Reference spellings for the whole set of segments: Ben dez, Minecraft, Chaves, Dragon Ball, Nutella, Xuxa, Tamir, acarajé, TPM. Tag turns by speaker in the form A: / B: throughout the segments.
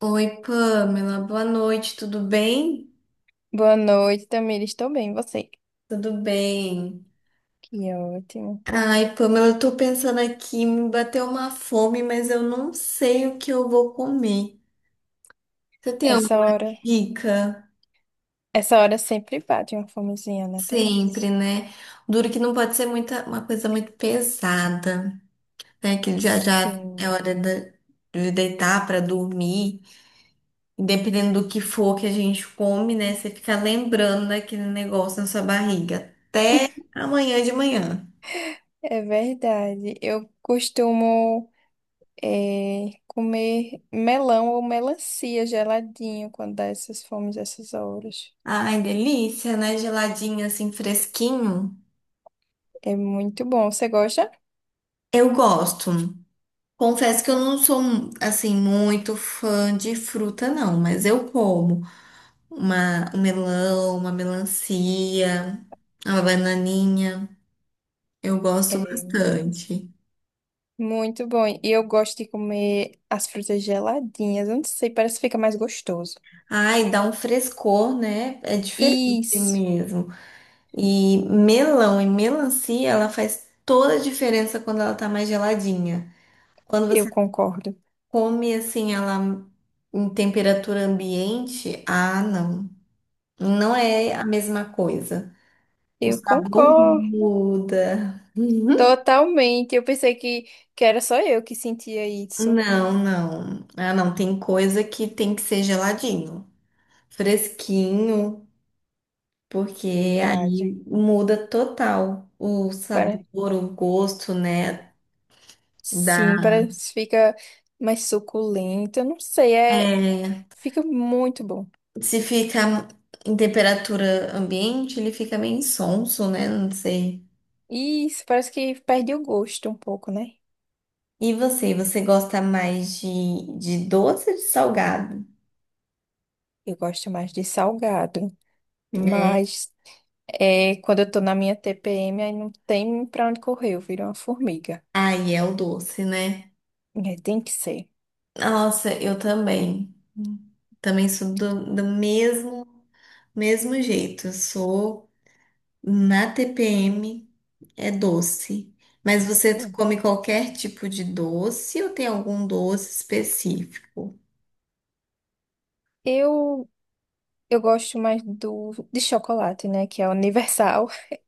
A: Oi, Pamela, boa noite, tudo bem?
B: Boa noite, Tamir. Estou bem, e você?
A: Tudo bem.
B: Que ótimo.
A: Ai, Pamela, eu tô pensando aqui, me bateu uma fome, mas eu não sei o que eu vou comer. Você tem
B: Essa
A: alguma
B: hora,
A: dica?
B: essa hora sempre bate uma fomezinha, né,
A: Sempre,
B: Tamires?
A: né? Duro que não pode ser muita, uma coisa muito pesada, né? Que já já é
B: Sim.
A: de deitar para dormir. E dependendo do que for que a gente come, né? Você fica lembrando daquele negócio na sua barriga. Amanhã de manhã.
B: É verdade. Eu costumo comer melão ou melancia geladinho quando dá essas fomes, essas horas.
A: Ai, delícia, né? Geladinho assim, fresquinho.
B: É muito bom. Você gosta?
A: Eu gosto. Confesso que eu não sou assim muito fã de fruta, não, mas eu como uma, um melão, uma melancia, uma bananinha. Eu gosto
B: É muito bom.
A: bastante.
B: Muito bom. E eu gosto de comer as frutas geladinhas. Eu não sei, parece que fica mais gostoso.
A: Ai, dá um frescor, né? É diferente
B: Isso,
A: mesmo. E melão e melancia, ela faz toda a diferença quando ela tá mais geladinha. Quando
B: eu
A: você
B: concordo.
A: come assim ela em temperatura ambiente? Ah, não. Não é a mesma coisa. O
B: Eu
A: sabor
B: concordo
A: muda. Uhum.
B: totalmente. Eu pensei que era só eu que sentia isso.
A: Não, não. Ah, não. Tem coisa que tem que ser geladinho, fresquinho, porque aí
B: Verdade.
A: muda total o
B: Para,
A: sabor, o gosto, né?
B: sim,
A: Da...
B: parece que fica mais suculento. Eu não sei, é,
A: É,
B: fica muito bom.
A: se fica em temperatura ambiente, ele fica meio insonso, né? Não sei.
B: Isso, parece que perde o gosto um pouco, né?
A: E você, você gosta mais de doce ou de salgado?
B: Eu gosto mais de salgado, mas é, quando eu tô na minha TPM, aí não tem pra onde correr, eu viro uma formiga.
A: Ai, é o doce, né?
B: É, tem que ser.
A: Nossa, eu também. Também sou do mesmo, mesmo jeito. Eu sou na TPM, é doce. Mas você
B: Hum.
A: come qualquer tipo de doce ou tem algum doce específico?
B: Eu, eu gosto mais de chocolate, né? Que é universal.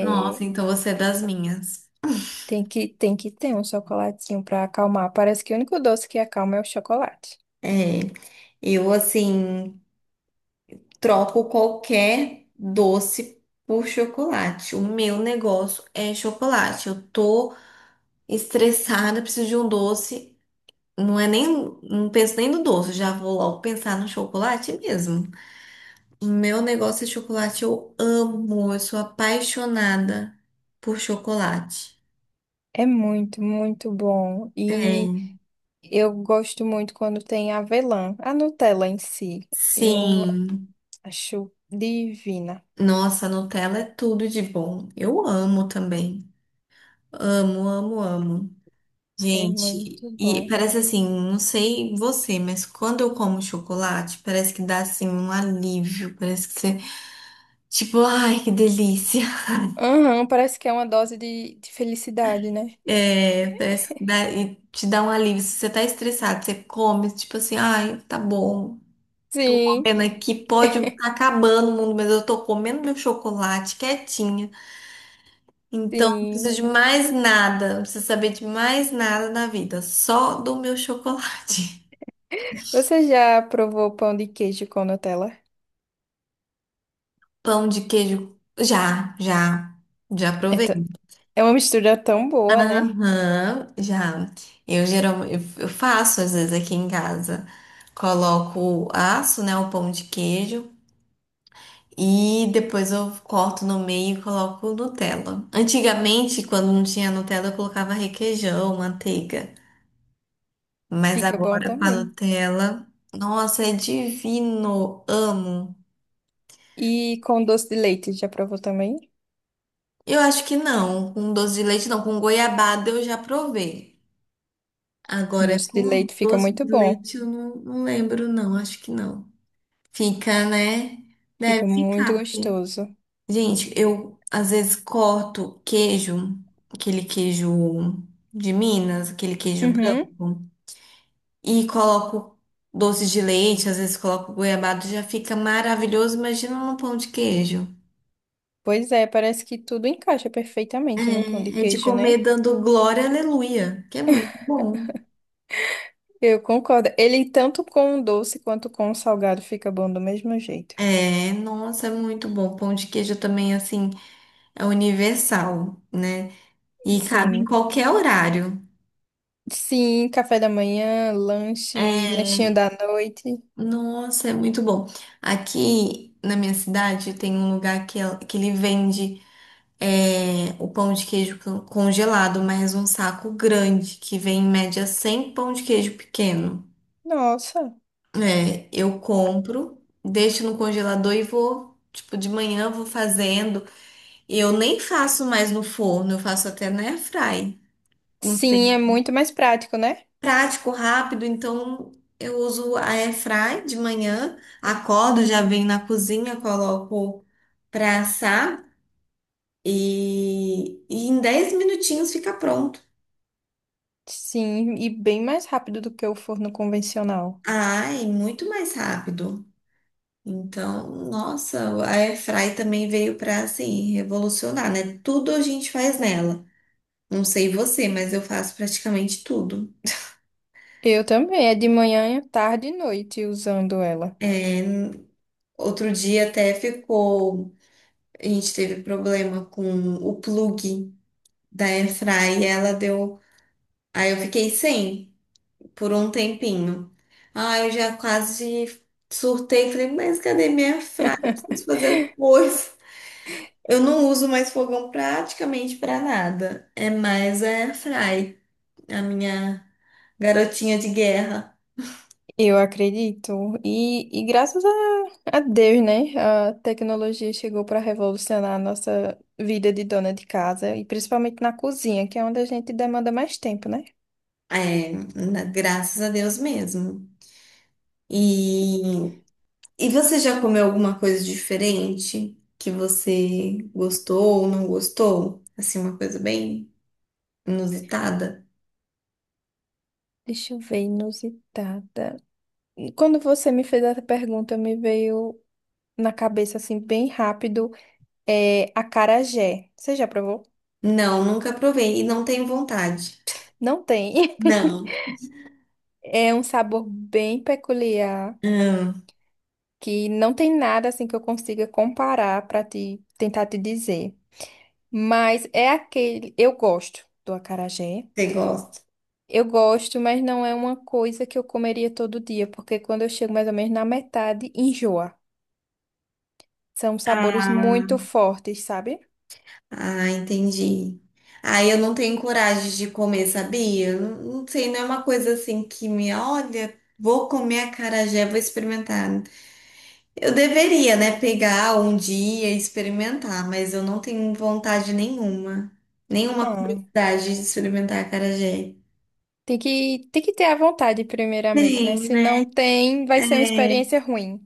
A: Nossa, então você é das minhas.
B: tem que ter um chocolatinho pra acalmar. Parece que o único doce que acalma é o chocolate.
A: É, eu assim troco qualquer doce por chocolate. O meu negócio é chocolate. Eu tô estressada, preciso de um doce. Não é nem, não penso nem no doce, já vou logo pensar no chocolate mesmo. O meu negócio é chocolate, eu amo, eu sou apaixonada por chocolate.
B: É muito bom. E
A: É.
B: eu gosto muito quando tem avelã. A Nutella em si, eu
A: Sim,
B: acho divina.
A: nossa, Nutella é tudo de bom. Eu amo também. Amo, amo, amo.
B: É
A: Gente,
B: muito bom.
A: e parece assim, não sei você, mas quando eu como chocolate, parece que dá assim um alívio, parece que você, tipo, ai, que delícia.
B: Aham, parece que é uma dose de felicidade, né?
A: É, parece que dá, e te dá um alívio. Se você tá estressado, você come, tipo assim, ai, tá bom.
B: Sim,
A: Comendo aqui, pode estar acabando o mundo, mas eu tô comendo meu chocolate quietinha. Então, não preciso
B: sim.
A: de mais nada, não preciso saber de mais nada na vida, só do meu chocolate.
B: Você já provou pão de queijo com Nutella?
A: Pão de queijo. Já, já. Já
B: É
A: provei.
B: t- é uma mistura tão boa, né?
A: Aham, já. Eu geralmente eu faço às vezes aqui em casa. Coloco aço, né, o pão de queijo e depois eu corto no meio e coloco Nutella. Antigamente, quando não tinha Nutella, eu colocava requeijão, manteiga. Mas
B: Fica bom
A: agora com a
B: também.
A: Nutella, nossa, é divino.
B: E com doce de leite, já provou também?
A: Eu acho que não, com doce de leite não, com goiabada eu já provei.
B: Com
A: Agora, é
B: doce de
A: com
B: leite fica
A: doce
B: muito
A: de
B: bom.
A: leite, eu não, não lembro, não, acho que não. Fica, né? Deve
B: Fica muito
A: ficar, porque.
B: gostoso.
A: Gente, eu às vezes corto queijo, aquele queijo de Minas, aquele queijo branco,
B: Uhum.
A: e coloco doce de leite, às vezes coloco goiabado, já fica maravilhoso. Imagina num pão de queijo.
B: Pois é, parece que tudo encaixa perfeitamente no pão de
A: É, é de
B: queijo,
A: comer
B: né?
A: dando glória, aleluia, que é muito bom.
B: Eu concordo. Ele tanto com o doce quanto com o salgado fica bom do mesmo jeito.
A: É, nossa, é muito bom. Pão de queijo também, assim. É universal, né? E cabe em
B: Sim.
A: qualquer horário.
B: Sim, café da manhã, lanche,
A: É,
B: lanchinho da noite.
A: nossa, é muito bom. Aqui na minha cidade tem um lugar que, que ele vende o pão de queijo congelado, mas um saco grande, que vem em média 100 pão de queijo pequeno.
B: Nossa.
A: É, eu compro, deixo no congelador e vou, tipo, de manhã eu vou fazendo. E eu nem faço mais no forno, eu faço até na airfry.
B: Sim, é muito mais prático, né?
A: Prático, rápido, então eu uso a airfry de manhã, acordo, já venho na cozinha, coloco para assar e em 10 minutinhos fica pronto.
B: Sim, e bem mais rápido do que o forno convencional.
A: Ai, muito mais rápido. Então, nossa, a airfry também veio para assim revolucionar, né? Tudo a gente faz nela. Não sei você, mas eu faço praticamente tudo.
B: Eu também, é de manhã, tarde e noite usando ela.
A: Outro dia até ficou, a gente teve problema com o plug da Airfry, ela deu. Aí eu fiquei sem por um tempinho. Ah, eu já quase surtei, falei, mas cadê minha Airfry? Eu preciso fazer as coisas. Eu não uso mais fogão praticamente para nada. É mais a Airfry, a minha garotinha de guerra.
B: Eu acredito. E graças a Deus, né? A tecnologia chegou para revolucionar a nossa vida de dona de casa, e principalmente na cozinha, que é onde a gente demanda mais tempo, né?
A: É, graças a Deus mesmo. E, e você já comeu alguma coisa diferente que você gostou ou não gostou? Assim, uma coisa bem inusitada?
B: Deixa eu ver, inusitada. E quando você me fez essa pergunta, me veio na cabeça assim bem rápido, é acarajé. Você já provou?
A: Não, nunca provei e não tenho vontade.
B: Não tem.
A: Não.
B: É um sabor bem peculiar
A: Hum,
B: que não tem nada assim que eu consiga comparar para te tentar te dizer. Mas é aquele, eu gosto do acarajé.
A: você gosta?
B: Eu gosto, mas não é uma coisa que eu comeria todo dia, porque quando eu chego mais ou menos na metade, enjoa. São sabores
A: Ah,
B: muito fortes, sabe?
A: Ah, entendi. Ah, eu não tenho coragem de comer, sabia? Não, não sei, não é uma coisa assim que me olha, vou comer acarajé, vou experimentar. Eu deveria, né, pegar um dia e experimentar, mas eu não tenho vontade nenhuma, nenhuma
B: Ah.
A: curiosidade de experimentar acarajé.
B: Tem que ter a vontade, primeiramente, né?
A: Tem,
B: Se
A: né?
B: não tem, vai ser uma
A: É,
B: experiência ruim.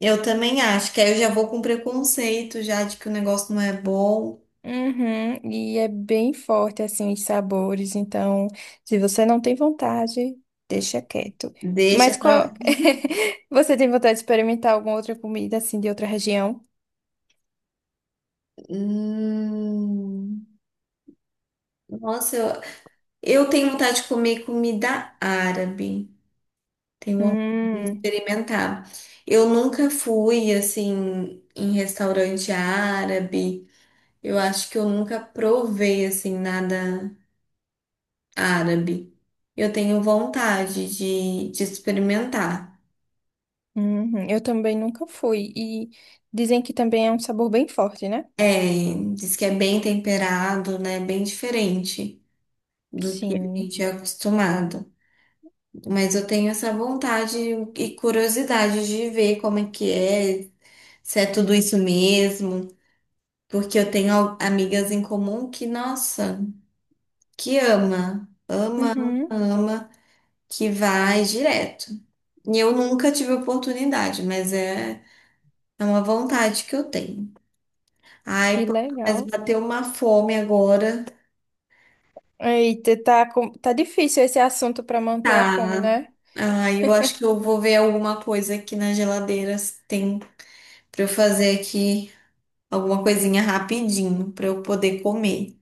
A: eu também acho que aí eu já vou com preconceito já de que o negócio não é bom.
B: Uhum, e é bem forte, assim, os sabores. Então, se você não tem vontade, deixa quieto.
A: Deixa
B: Mas
A: pra lá.
B: qual... Você tem vontade de experimentar alguma outra comida, assim, de outra região?
A: Hum, nossa, eu tenho vontade de comer comida árabe. Tenho vontade de
B: Hum,
A: experimentar. Eu nunca fui assim em restaurante árabe. Eu acho que eu nunca provei assim nada árabe. Eu tenho vontade de experimentar.
B: uhum. Eu também nunca fui. E dizem que também é um sabor bem forte, né?
A: É, diz que é bem temperado, né? Bem diferente do que a
B: Sim.
A: gente é acostumado. Mas eu tenho essa vontade e curiosidade de ver como é que é, se é tudo isso mesmo, porque eu tenho amigas em comum que, nossa, que ama, ama, ama,
B: Uhum.
A: ama, que vai direto. E eu nunca tive oportunidade, mas é, é uma vontade que eu tenho. Ai,
B: Que
A: pô, mas
B: legal.
A: bateu uma fome agora.
B: Eita, tá, com- tá difícil esse assunto para manter a fome,
A: Tá.
B: né?
A: Ah, eu acho que eu vou ver alguma coisa aqui na geladeira se tem pra eu fazer aqui alguma coisinha rapidinho pra eu poder comer.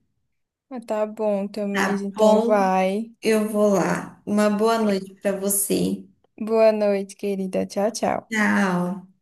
B: Ah, tá bom, Tamires,
A: Tá
B: então
A: bom?
B: vai.
A: Eu vou lá. Uma boa noite pra você.
B: Boa noite, querida. Tchau, tchau.
A: Tchau.